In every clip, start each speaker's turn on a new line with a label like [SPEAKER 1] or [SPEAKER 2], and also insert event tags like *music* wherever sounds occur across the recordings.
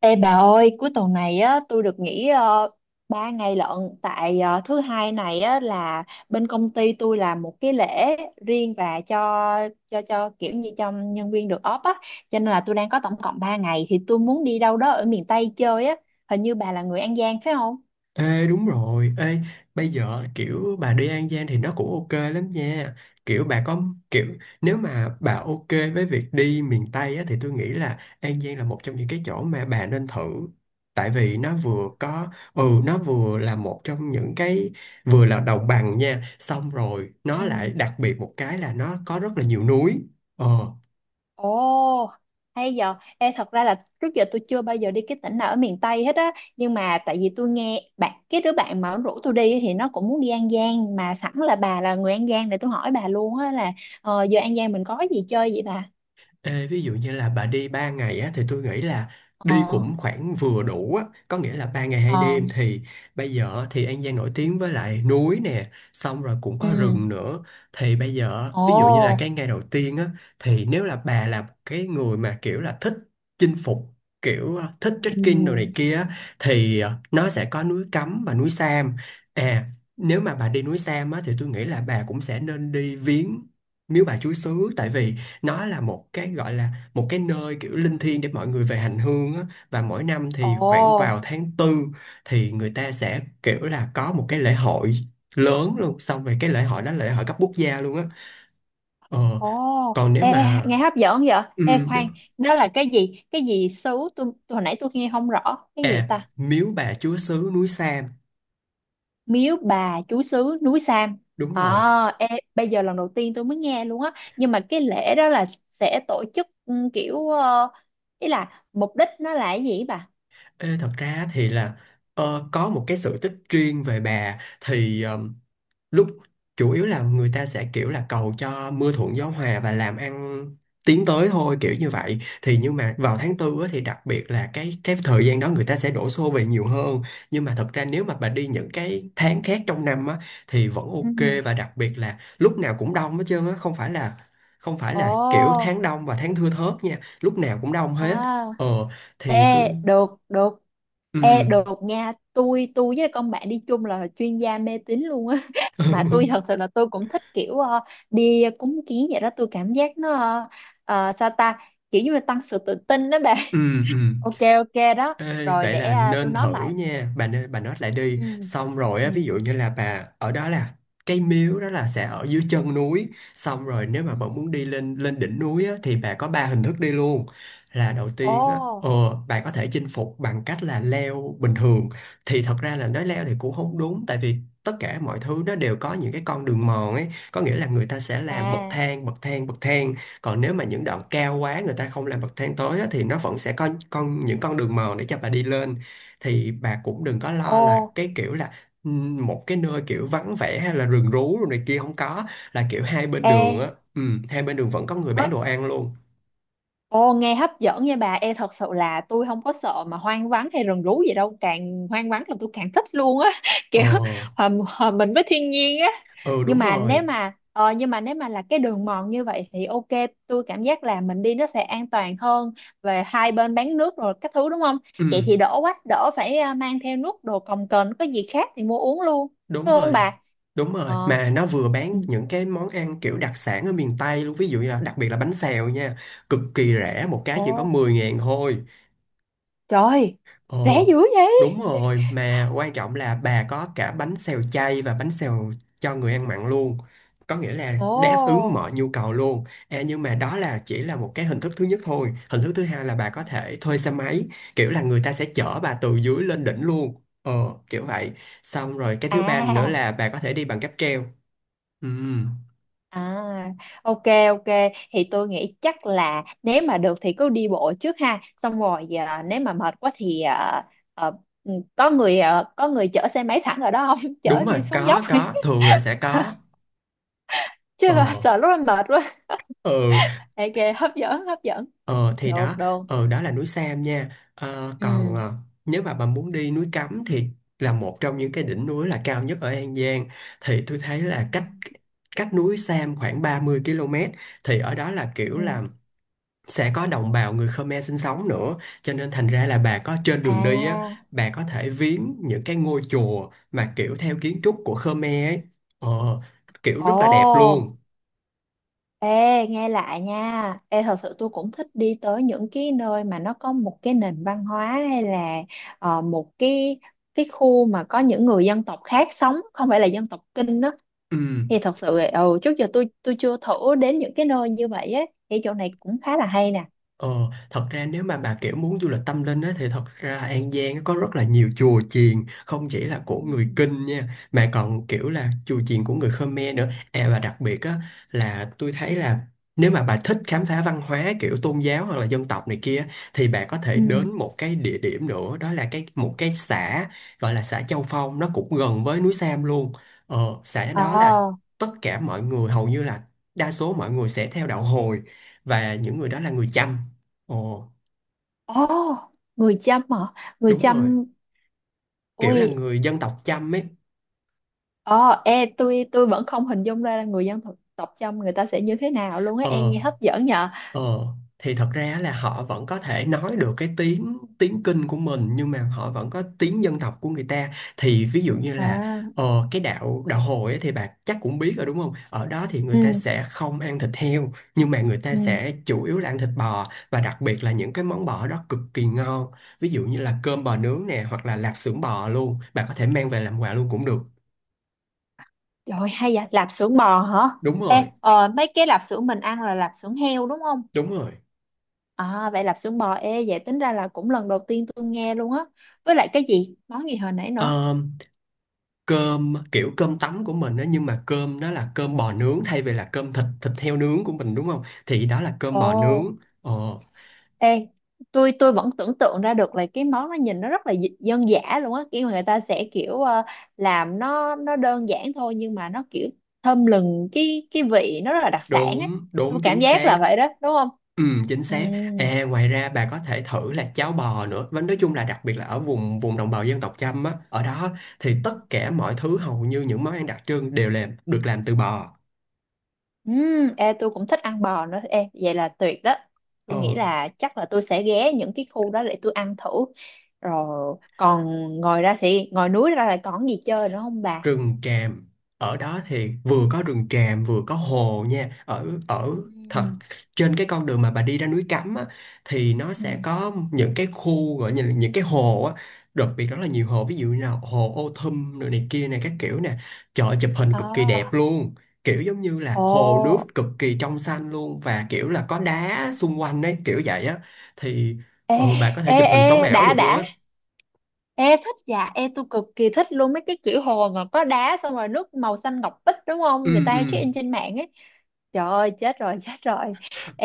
[SPEAKER 1] Ê bà ơi, cuối tuần này á, tôi được nghỉ uh, 3 ngày lận tại thứ hai này á, là bên công ty tôi làm một cái lễ riêng và cho kiểu như cho nhân viên được off á, cho nên là tôi đang có tổng cộng 3 ngày thì tôi muốn đi đâu đó ở miền Tây chơi á, hình như bà là người An Giang phải không?
[SPEAKER 2] Ê, đúng rồi. Bây giờ kiểu bà đi An Giang thì nó cũng ok lắm nha. Kiểu bà có kiểu Nếu mà bà ok với việc đi miền Tây á, thì tôi nghĩ là An Giang là một trong những cái chỗ mà bà nên thử. Tại vì nó vừa có nó vừa là một trong những cái vừa là đồng bằng nha, xong rồi nó lại
[SPEAKER 1] Ừ.
[SPEAKER 2] đặc biệt một cái là nó có rất là nhiều núi. Ờ
[SPEAKER 1] Ồ, hay giờ. Ê, thật ra là trước giờ tôi chưa bao giờ đi cái tỉnh nào ở miền Tây hết á. Nhưng mà tại vì tôi nghe cái đứa bạn mà nó rủ tôi đi thì nó cũng muốn đi An Giang. Mà sẵn là bà là người An Giang để tôi hỏi bà luôn á là giờ An Giang mình có gì chơi vậy bà?
[SPEAKER 2] Ê, ví dụ như là bà đi 3 ngày á, thì tôi nghĩ là đi
[SPEAKER 1] Ờ,
[SPEAKER 2] cũng khoảng vừa đủ á, có nghĩa là 3 ngày hai
[SPEAKER 1] ờ,
[SPEAKER 2] đêm. Thì bây giờ thì An Giang nổi tiếng với lại núi nè, xong rồi cũng có rừng
[SPEAKER 1] ừ,
[SPEAKER 2] nữa. Thì bây giờ
[SPEAKER 1] ồ,
[SPEAKER 2] ví dụ như là cái ngày đầu tiên á, thì nếu là bà là cái người mà kiểu là thích chinh phục, kiểu thích trekking đồ này
[SPEAKER 1] ừ,
[SPEAKER 2] kia á, thì nó sẽ có núi Cấm và núi Sam. À, nếu mà bà đi núi Sam á, thì tôi nghĩ là bà cũng sẽ nên đi viếng Miếu Bà Chúa Xứ, tại vì nó là một cái gọi là một cái nơi kiểu linh thiêng để mọi người về hành hương á. Và mỗi năm thì
[SPEAKER 1] ồ,
[SPEAKER 2] khoảng vào tháng tư thì người ta sẽ kiểu là có một cái lễ hội lớn luôn, xong rồi cái lễ hội đó là lễ hội cấp quốc gia luôn á. ờ
[SPEAKER 1] ồ.
[SPEAKER 2] Còn nếu
[SPEAKER 1] Ê,
[SPEAKER 2] mà
[SPEAKER 1] nghe hấp dẫn vậy? Ê,
[SPEAKER 2] ừ, đúng.
[SPEAKER 1] khoan, đó là cái gì? Cái gì xứ? Tôi hồi nãy tôi nghe không rõ. Cái gì
[SPEAKER 2] À,
[SPEAKER 1] ta?
[SPEAKER 2] miếu bà chúa xứ núi Sam,
[SPEAKER 1] Miếu Bà Chúa Xứ núi Sam.
[SPEAKER 2] đúng rồi.
[SPEAKER 1] À, ê, bây giờ lần đầu tiên tôi mới nghe luôn á nhưng mà cái lễ đó là sẽ tổ chức kiểu ý là mục đích nó là cái gì ấy bà.
[SPEAKER 2] Ê, thật ra thì là có một cái sự tích riêng về bà, thì ờ, lúc chủ yếu là người ta sẽ kiểu là cầu cho mưa thuận gió hòa và làm ăn tiến tới thôi, kiểu như vậy. Thì nhưng mà vào tháng tư á, thì đặc biệt là cái thời gian đó người ta sẽ đổ xô về nhiều hơn. Nhưng mà thật ra nếu mà bà đi những cái tháng khác trong năm á, thì vẫn
[SPEAKER 1] Ừ.
[SPEAKER 2] ok, và đặc biệt là lúc nào cũng đông hết trơn á. Không phải là kiểu
[SPEAKER 1] Ồ.
[SPEAKER 2] tháng đông và tháng thưa thớt nha, lúc nào cũng đông hết.
[SPEAKER 1] À.
[SPEAKER 2] Ờ thì tôi
[SPEAKER 1] Ê được được. Ê
[SPEAKER 2] ừ
[SPEAKER 1] được nha, tôi với con bạn đi chung là chuyên gia mê tín luôn á *laughs* mà tôi thật
[SPEAKER 2] *laughs*
[SPEAKER 1] sự là tôi cũng thích kiểu đi cúng kiến vậy đó, tôi cảm giác nó sao ta, kiểu như là tăng sự tự tin đó bà.
[SPEAKER 2] ừ, ừ.
[SPEAKER 1] *laughs* Ok, ok đó.
[SPEAKER 2] Ê,
[SPEAKER 1] Rồi
[SPEAKER 2] vậy
[SPEAKER 1] để
[SPEAKER 2] là
[SPEAKER 1] à, tôi
[SPEAKER 2] nên
[SPEAKER 1] nói
[SPEAKER 2] thử
[SPEAKER 1] lại.
[SPEAKER 2] nha bà. Nên bà nói lại đi,
[SPEAKER 1] Ừ.
[SPEAKER 2] xong rồi
[SPEAKER 1] Ừ.
[SPEAKER 2] á, ví dụ như là bà ở đó là cái miếu đó là sẽ ở dưới chân núi. Xong rồi nếu mà
[SPEAKER 1] Ừ.
[SPEAKER 2] bà muốn đi lên lên đỉnh núi á, thì bà có ba hình thức đi luôn. Là đầu tiên á,
[SPEAKER 1] Ô.
[SPEAKER 2] bà có thể chinh phục bằng cách là leo bình thường. Thì thật ra là nói leo thì cũng không đúng, tại vì tất cả mọi thứ nó đều có những cái con đường mòn ấy, có nghĩa là người ta sẽ làm bậc
[SPEAKER 1] À.
[SPEAKER 2] thang, bậc thang, bậc thang. Còn nếu mà những đoạn cao quá người ta không làm bậc thang tối á, thì nó vẫn sẽ có những con đường mòn để cho bà đi lên. Thì bà cũng đừng có lo là
[SPEAKER 1] Ô.
[SPEAKER 2] cái kiểu là một cái nơi kiểu vắng vẻ hay là rừng rú rồi này kia, không có. Là kiểu hai bên
[SPEAKER 1] Ê.
[SPEAKER 2] đường á, hai bên đường vẫn có người
[SPEAKER 1] mới
[SPEAKER 2] bán đồ ăn luôn.
[SPEAKER 1] Ồ, nghe hấp dẫn nha bà. Ê, thật sự là tôi không có sợ mà hoang vắng hay rừng rú gì đâu. Càng hoang vắng là tôi càng thích luôn á. *laughs* Kiểu
[SPEAKER 2] ờ
[SPEAKER 1] hòa mình với thiên nhiên á.
[SPEAKER 2] ừ, đúng rồi.
[SPEAKER 1] Nhưng mà nếu mà là cái đường mòn như vậy thì ok. Tôi cảm giác là mình đi nó sẽ an toàn hơn, về hai bên bán nước rồi các thứ đúng không? Vậy thì
[SPEAKER 2] Ừm,
[SPEAKER 1] đỡ quá. Đỡ phải mang theo nước đồ cồng kềnh, có gì khác thì mua uống luôn.
[SPEAKER 2] đúng
[SPEAKER 1] Đúng không
[SPEAKER 2] rồi,
[SPEAKER 1] bà?
[SPEAKER 2] đúng rồi.
[SPEAKER 1] Ờ.
[SPEAKER 2] Mà nó vừa bán
[SPEAKER 1] Ừ.
[SPEAKER 2] những cái món ăn kiểu đặc sản ở miền Tây luôn, ví dụ như là đặc biệt là bánh xèo nha, cực kỳ rẻ, một cái chỉ có
[SPEAKER 1] Ồ,
[SPEAKER 2] 10 ngàn thôi.
[SPEAKER 1] trời. Rẻ
[SPEAKER 2] Ồ,
[SPEAKER 1] dữ
[SPEAKER 2] đúng
[SPEAKER 1] vậy.
[SPEAKER 2] rồi, mà quan trọng là bà có cả bánh xèo chay và bánh xèo cho người ăn mặn luôn. Có nghĩa là
[SPEAKER 1] Ồ.
[SPEAKER 2] đáp ứng mọi nhu cầu luôn. À, nhưng mà đó là chỉ là một cái hình thức thứ nhất thôi. Hình thức thứ hai là bà
[SPEAKER 1] Ừ.
[SPEAKER 2] có thể thuê xe máy, kiểu là người ta sẽ chở bà từ dưới lên đỉnh luôn. Ờ, Kiểu vậy. Xong rồi cái thứ ba nữa
[SPEAKER 1] À,
[SPEAKER 2] là bà có thể đi bằng cáp treo. Ừ,
[SPEAKER 1] à, ok ok, thì tôi nghĩ chắc là nếu mà được thì cứ đi bộ trước ha, xong rồi nếu mà mệt quá thì à, có người chở xe máy sẵn ở đó không *laughs*
[SPEAKER 2] đúng
[SPEAKER 1] chở
[SPEAKER 2] rồi,
[SPEAKER 1] đi xuống dốc
[SPEAKER 2] có,
[SPEAKER 1] *laughs*
[SPEAKER 2] thường là sẽ có.
[SPEAKER 1] chứ
[SPEAKER 2] Ờ,
[SPEAKER 1] sợ lúc em mệt quá.
[SPEAKER 2] ừ.
[SPEAKER 1] Ok, hấp dẫn hấp dẫn,
[SPEAKER 2] Ờ thì
[SPEAKER 1] được
[SPEAKER 2] Đó,
[SPEAKER 1] được.
[SPEAKER 2] đó là núi Sam nha. Ờ, còn
[SPEAKER 1] Ừ.
[SPEAKER 2] nếu mà bà muốn đi núi Cấm thì là một trong những cái đỉnh núi là cao nhất ở An Giang. Thì tôi thấy là
[SPEAKER 1] Ừ.
[SPEAKER 2] cách cách núi Sam khoảng 30 km. Thì ở đó là kiểu
[SPEAKER 1] Ừ.
[SPEAKER 2] là sẽ có đồng bào người Khmer sinh sống nữa, cho nên thành ra là bà có, trên đường đi á,
[SPEAKER 1] À.
[SPEAKER 2] bà có thể viếng những cái ngôi chùa mà kiểu theo kiến trúc của Khmer ấy, ờ, kiểu
[SPEAKER 1] Ồ.
[SPEAKER 2] rất là đẹp luôn.
[SPEAKER 1] Ê, nghe lại nha. Ê, thật sự tôi cũng thích đi tới những cái nơi mà nó có một cái nền văn hóa hay là một cái khu mà có những người dân tộc khác sống, không phải là dân tộc Kinh đó.
[SPEAKER 2] ừ.
[SPEAKER 1] Thì thật sự là, trước giờ tôi chưa thử đến những cái nơi như vậy á. Thì chỗ này cũng khá là hay nè.
[SPEAKER 2] Ờ, Thật ra nếu mà bà kiểu muốn du lịch tâm linh á, thì thật ra An Giang á có rất là nhiều chùa chiền, không chỉ là của
[SPEAKER 1] Ừ.
[SPEAKER 2] người Kinh nha mà còn kiểu là chùa chiền của người Khmer nữa. À, và đặc biệt á, là tôi thấy là nếu mà bà thích khám phá văn hóa kiểu tôn giáo hoặc là dân tộc này kia, thì bà có thể
[SPEAKER 1] Ừ.
[SPEAKER 2] đến một cái địa điểm nữa, đó là một cái xã gọi là xã Châu Phong, nó cũng gần với núi Sam luôn. Ờ, xã đó là
[SPEAKER 1] Ờ.
[SPEAKER 2] tất cả mọi người hầu như là đa số mọi người sẽ theo đạo Hồi, và những người đó là người Chăm. Ồ,
[SPEAKER 1] Ồ, người Chăm hả? Người
[SPEAKER 2] đúng rồi.
[SPEAKER 1] Chăm,
[SPEAKER 2] Kiểu là
[SPEAKER 1] ui,
[SPEAKER 2] người dân tộc Chăm ấy.
[SPEAKER 1] ờ, ê, tôi vẫn không hình dung ra là người dân tộc tộc Chăm người ta sẽ như thế nào luôn á. Em
[SPEAKER 2] Ờ,
[SPEAKER 1] nghe hấp dẫn nhờ.
[SPEAKER 2] ờ. Thì thật ra là họ vẫn có thể nói được cái tiếng tiếng Kinh của mình, nhưng mà họ vẫn có tiếng dân tộc của người ta. Thì ví dụ như là
[SPEAKER 1] À.
[SPEAKER 2] cái đạo đạo Hồi ấy, thì bà chắc cũng biết rồi đúng không? Ở đó thì người ta
[SPEAKER 1] Ừ.
[SPEAKER 2] sẽ không ăn thịt heo, nhưng mà người ta sẽ
[SPEAKER 1] Ừ.
[SPEAKER 2] chủ yếu là ăn thịt bò, và đặc biệt là những cái món bò đó cực kỳ ngon. Ví dụ như là cơm bò nướng nè, hoặc là lạp xưởng bò luôn. Bà có thể mang về làm quà luôn cũng được.
[SPEAKER 1] Trời, hay vậy, lạp xưởng bò hả?
[SPEAKER 2] Đúng
[SPEAKER 1] Ê
[SPEAKER 2] rồi,
[SPEAKER 1] mấy cái lạp xưởng mình ăn là lạp xưởng heo đúng không?
[SPEAKER 2] đúng rồi.
[SPEAKER 1] À, vậy lạp xưởng bò. Ê, vậy tính ra là cũng lần đầu tiên tôi nghe luôn á, với lại cái gì món gì hồi nãy nữa?
[SPEAKER 2] Cơm kiểu cơm tấm của mình á, nhưng mà cơm đó là cơm bò nướng thay vì là cơm thịt thịt heo nướng của mình, đúng không? Thì đó là cơm
[SPEAKER 1] Ồ.
[SPEAKER 2] bò nướng. ờ
[SPEAKER 1] Ê, tôi vẫn tưởng tượng ra được là cái món nó nhìn nó rất là dân dã luôn á, kiểu người ta sẽ kiểu làm nó đơn giản thôi nhưng mà nó kiểu thơm lừng, cái vị nó rất là đặc sản á,
[SPEAKER 2] Đúng,
[SPEAKER 1] tôi
[SPEAKER 2] đúng, chính
[SPEAKER 1] cảm giác
[SPEAKER 2] xác.
[SPEAKER 1] là vậy đó đúng không?
[SPEAKER 2] ừ Chính xác. À, ngoài ra bà có thể thử là cháo bò nữa. Và nói chung là đặc biệt là ở vùng vùng đồng bào dân tộc Chăm á, ở đó
[SPEAKER 1] Ừ.
[SPEAKER 2] thì tất cả mọi thứ hầu như những món ăn đặc trưng đều làm được làm từ bò.
[SPEAKER 1] Ê, tôi cũng thích ăn bò nữa. Ê, vậy là tuyệt đó, tôi nghĩ
[SPEAKER 2] ờ
[SPEAKER 1] là chắc là tôi sẽ ghé những cái khu đó để tôi ăn thử. Rồi còn ngồi núi ra là còn gì chơi nữa không bà?
[SPEAKER 2] Rừng tràm, ở đó thì vừa có rừng tràm vừa có hồ nha. Ở ở
[SPEAKER 1] Ừ.
[SPEAKER 2] thật Trên cái con đường mà bà đi ra núi Cấm á, thì nó sẽ
[SPEAKER 1] Ừm.
[SPEAKER 2] có những cái khu gọi như là những cái hồ á, đặc biệt rất là nhiều hồ, ví dụ như là hồ Ô Thum rồi này kia này các kiểu nè, chợ chụp hình cực kỳ đẹp
[SPEAKER 1] Ờ.
[SPEAKER 2] luôn. Kiểu giống như
[SPEAKER 1] Ồ.
[SPEAKER 2] là hồ nước cực kỳ trong xanh luôn và kiểu là có đá xung quanh đấy, kiểu vậy á. Thì
[SPEAKER 1] Ê,
[SPEAKER 2] ừ Bà có thể
[SPEAKER 1] ê,
[SPEAKER 2] chụp hình sống
[SPEAKER 1] ê,
[SPEAKER 2] ảo
[SPEAKER 1] đã
[SPEAKER 2] được
[SPEAKER 1] đã.
[SPEAKER 2] luôn á.
[SPEAKER 1] Ê thích dạ. Ê, tôi cực kỳ thích luôn mấy cái kiểu hồ mà có đá xong rồi nước màu xanh ngọc bích đúng
[SPEAKER 2] ừ
[SPEAKER 1] không? Người ta
[SPEAKER 2] ừ
[SPEAKER 1] hay check in trên mạng ấy. Trời ơi, chết rồi *laughs* chết rồi.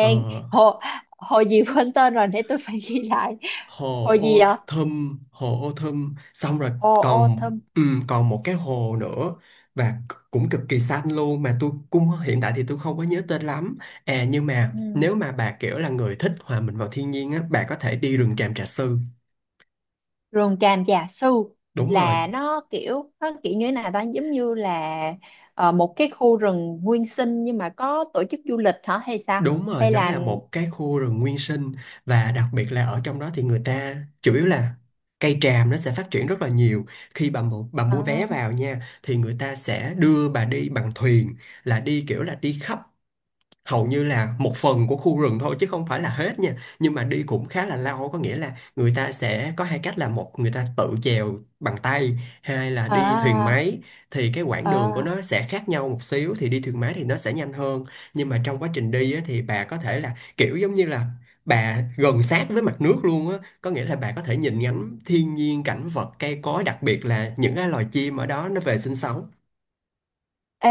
[SPEAKER 2] Ờ,
[SPEAKER 1] hồ, hồ gì quên tên rồi để tôi phải ghi lại.
[SPEAKER 2] hồ
[SPEAKER 1] Hồ gì
[SPEAKER 2] Ô
[SPEAKER 1] ạ?
[SPEAKER 2] Thâm, hồ Ô Thâm. Xong rồi
[SPEAKER 1] Hồ
[SPEAKER 2] còn
[SPEAKER 1] Autumn.
[SPEAKER 2] ừ, còn một cái hồ nữa, cũng cực kỳ xanh luôn, mà tôi cũng hiện tại thì tôi không có nhớ tên lắm. À, nhưng mà
[SPEAKER 1] Ừ.
[SPEAKER 2] nếu mà bà kiểu là người thích hòa mình vào thiên nhiên á, bà có thể đi rừng Tràm Trà Sư.
[SPEAKER 1] Rừng tràm già su.
[SPEAKER 2] Đúng rồi,
[SPEAKER 1] Là nó kiểu. Nó kiểu như thế nào ta, giống như là một cái khu rừng nguyên sinh, nhưng mà có tổ chức du lịch hả hay sao?
[SPEAKER 2] đúng rồi,
[SPEAKER 1] Hay
[SPEAKER 2] nó
[SPEAKER 1] là
[SPEAKER 2] là một cái khu rừng nguyên sinh, và đặc biệt là ở trong đó thì người ta chủ yếu là cây tràm nó sẽ phát triển rất là nhiều. Khi bà
[SPEAKER 1] ờ,
[SPEAKER 2] mua vé vào nha, thì người ta sẽ đưa bà đi bằng thuyền, là đi kiểu là đi khắp hầu như là một phần của khu rừng thôi, chứ không phải là hết nha. Nhưng mà đi cũng khá là lâu, có nghĩa là người ta sẽ có hai cách, là một người ta tự chèo bằng tay, hai là đi thuyền
[SPEAKER 1] ờ,
[SPEAKER 2] máy. Thì cái quãng
[SPEAKER 1] ờ.
[SPEAKER 2] đường của nó sẽ khác nhau một xíu, thì đi thuyền máy thì nó sẽ nhanh hơn. Nhưng mà trong quá trình đi á, thì bà có thể là kiểu giống như là bà gần sát với mặt nước luôn á, có nghĩa là bà có thể nhìn ngắm thiên nhiên, cảnh vật, cây cối, đặc biệt là những cái loài chim ở đó nó về sinh sống.
[SPEAKER 1] Ê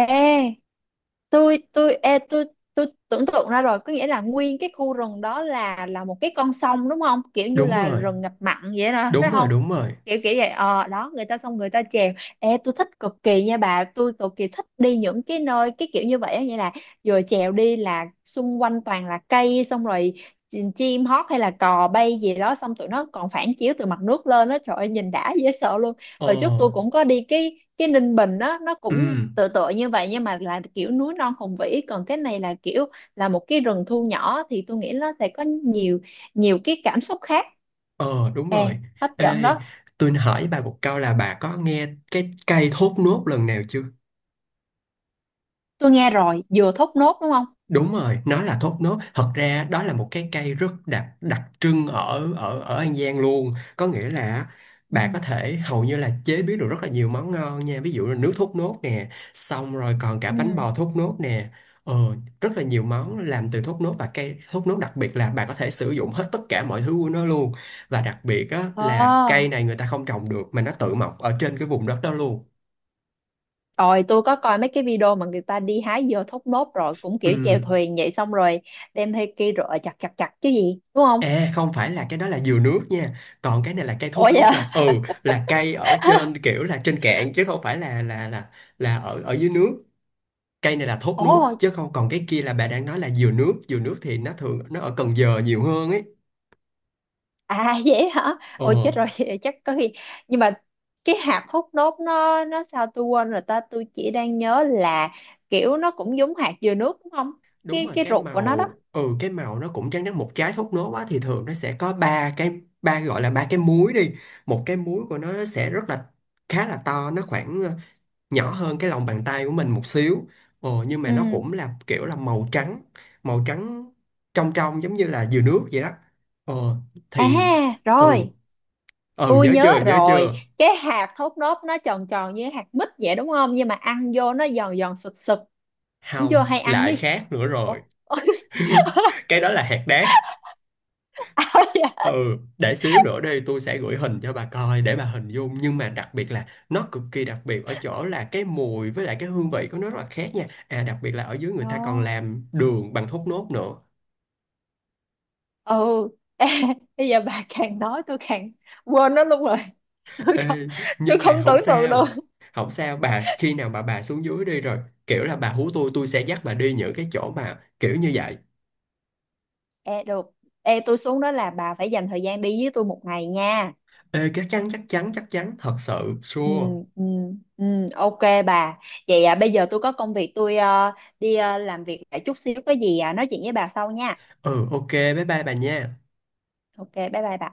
[SPEAKER 1] tôi tôi ê, tôi tôi tưởng tượng ra rồi, có nghĩa là nguyên cái khu rừng đó là một cái con sông đúng không, kiểu như
[SPEAKER 2] đúng
[SPEAKER 1] là
[SPEAKER 2] rồi
[SPEAKER 1] rừng ngập mặn vậy đó phải
[SPEAKER 2] đúng rồi
[SPEAKER 1] không,
[SPEAKER 2] đúng rồi.
[SPEAKER 1] kiểu kiểu vậy. Ờ đó, người ta xong người ta chèo. Ê, tôi thích cực kỳ nha bà, tôi cực kỳ thích đi những cái nơi cái kiểu như vậy á, nghĩa là vừa chèo đi là xung quanh toàn là cây, xong rồi chim hót hay là cò bay gì đó, xong tụi nó còn phản chiếu từ mặt nước lên đó, trời ơi nhìn đã dễ sợ.
[SPEAKER 2] ờ
[SPEAKER 1] Hồi trước tôi cũng có đi cái Ninh Bình đó, nó
[SPEAKER 2] ừ
[SPEAKER 1] cũng tựa tựa như vậy nhưng mà là kiểu núi non hùng vĩ, còn cái này là kiểu là một cái rừng thu nhỏ thì tôi nghĩ nó sẽ có nhiều nhiều cái cảm xúc khác.
[SPEAKER 2] Ờ, đúng
[SPEAKER 1] Ê,
[SPEAKER 2] rồi.
[SPEAKER 1] hấp dẫn
[SPEAKER 2] Ê,
[SPEAKER 1] đó.
[SPEAKER 2] tôi hỏi bà một câu là bà có nghe cái cây thốt nốt lần nào chưa?
[SPEAKER 1] Tôi nghe rồi, dừa thốt nốt đúng không?
[SPEAKER 2] Đúng rồi, nó là thốt nốt. Thật ra đó là một cái cây rất đặc đặc trưng ở ở ở An Giang luôn. Có nghĩa là
[SPEAKER 1] Ừ.
[SPEAKER 2] bà có thể hầu như là chế biến được rất là nhiều món ngon nha. Ví dụ là nước thốt nốt nè, xong rồi còn cả bánh
[SPEAKER 1] Ừ.
[SPEAKER 2] bò thốt nốt nè. Ờ, rất là nhiều món làm từ thốt nốt, và cây thốt nốt đặc biệt là bà có thể sử dụng hết tất cả mọi thứ của nó luôn. Và đặc biệt á, là cây
[SPEAKER 1] Ờ,
[SPEAKER 2] này người ta không trồng được, mà nó tự mọc ở trên cái vùng đất đó luôn.
[SPEAKER 1] rồi tôi có coi mấy cái video mà người ta đi hái dừa thốt nốt rồi cũng kiểu chèo
[SPEAKER 2] Ừ.
[SPEAKER 1] thuyền vậy, xong rồi đem theo cây rựa chặt chặt chặt chứ gì, đúng không?
[SPEAKER 2] Ê, không phải, là cái đó là dừa nước nha, còn cái này là cây thốt
[SPEAKER 1] Ủa
[SPEAKER 2] nốt,
[SPEAKER 1] vậy.
[SPEAKER 2] là ừ,
[SPEAKER 1] *laughs*
[SPEAKER 2] là cây ở trên kiểu là trên cạn, chứ không phải là là ở ở dưới nước. Cây này là thốt nốt,
[SPEAKER 1] Ồ.
[SPEAKER 2] chứ không, còn cái kia là bà đang nói là dừa nước. Dừa nước thì nó thường nó ở Cần Giờ nhiều hơn ấy.
[SPEAKER 1] À. *laughs* Vậy hả?
[SPEAKER 2] Ờ,
[SPEAKER 1] Ôi chết rồi, vậy chắc có khi, nhưng mà cái hạt hút nốt nó sao tôi quên rồi ta, tôi chỉ đang nhớ là kiểu nó cũng giống hạt dừa nước đúng không?
[SPEAKER 2] đúng
[SPEAKER 1] Cái
[SPEAKER 2] rồi,
[SPEAKER 1] cái
[SPEAKER 2] cái
[SPEAKER 1] ruột của nó đó.
[SPEAKER 2] màu, cái màu nó cũng trắng trắng. Một trái thốt nốt á, thì thường nó sẽ có ba cái, ba gọi là ba cái múi đi. Một cái múi của nó sẽ rất là khá là to, nó khoảng nhỏ hơn cái lòng bàn tay của mình một xíu. Ờ, nhưng mà nó
[SPEAKER 1] Ừ.
[SPEAKER 2] cũng là kiểu là màu trắng, màu trắng trong trong, giống như là dừa nước vậy đó. Ờ
[SPEAKER 1] À
[SPEAKER 2] thì ừ
[SPEAKER 1] rồi,
[SPEAKER 2] Ừ,
[SPEAKER 1] tôi
[SPEAKER 2] nhớ
[SPEAKER 1] nhớ
[SPEAKER 2] chưa, nhớ
[SPEAKER 1] rồi.
[SPEAKER 2] chưa?
[SPEAKER 1] Cái hạt hút nốt nó tròn tròn như hạt mít vậy đúng không? Nhưng mà ăn vô nó giòn giòn sực sực. Đúng chưa?
[SPEAKER 2] Không,
[SPEAKER 1] Hay ăn
[SPEAKER 2] lại
[SPEAKER 1] với.
[SPEAKER 2] khác nữa
[SPEAKER 1] Ủa?
[SPEAKER 2] rồi.
[SPEAKER 1] *laughs* Ôi,
[SPEAKER 2] *laughs* Cái đó là hạt đác.
[SPEAKER 1] áo dạ.
[SPEAKER 2] Ừ, để xíu nữa đi tôi sẽ gửi hình cho bà coi để bà hình dung. Nhưng mà đặc biệt là nó cực kỳ đặc biệt ở chỗ là cái mùi với lại cái hương vị của nó rất là khác nha. À, đặc biệt là ở dưới người
[SPEAKER 1] Ờ.
[SPEAKER 2] ta còn làm đường bằng thốt nốt nữa.
[SPEAKER 1] Ừ. *laughs* Ê, bây giờ bà càng nói tôi càng quên nó luôn rồi. *laughs* Tôi không
[SPEAKER 2] Ê,
[SPEAKER 1] tôi
[SPEAKER 2] nhưng mà
[SPEAKER 1] không
[SPEAKER 2] không
[SPEAKER 1] tưởng tượng được.
[SPEAKER 2] sao, không sao bà. Khi nào mà bà xuống dưới đi rồi, kiểu là bà hú tôi sẽ dắt bà đi những cái chỗ mà kiểu như vậy.
[SPEAKER 1] Ê được. Ê, tôi xuống đó là bà phải dành thời gian đi với tôi một ngày nha.
[SPEAKER 2] Ê, chắc chắn, chắc chắn, chắc chắn, thật sự
[SPEAKER 1] Ừ,
[SPEAKER 2] sure.
[SPEAKER 1] ừ, ừ, ok bà. Vậy à, bây giờ tôi có công việc, tôi đi làm việc lại chút xíu, có gì à, nói chuyện với bà sau nha.
[SPEAKER 2] Ừ, ok, bye bye bà nha.
[SPEAKER 1] Ok, bye bye bà.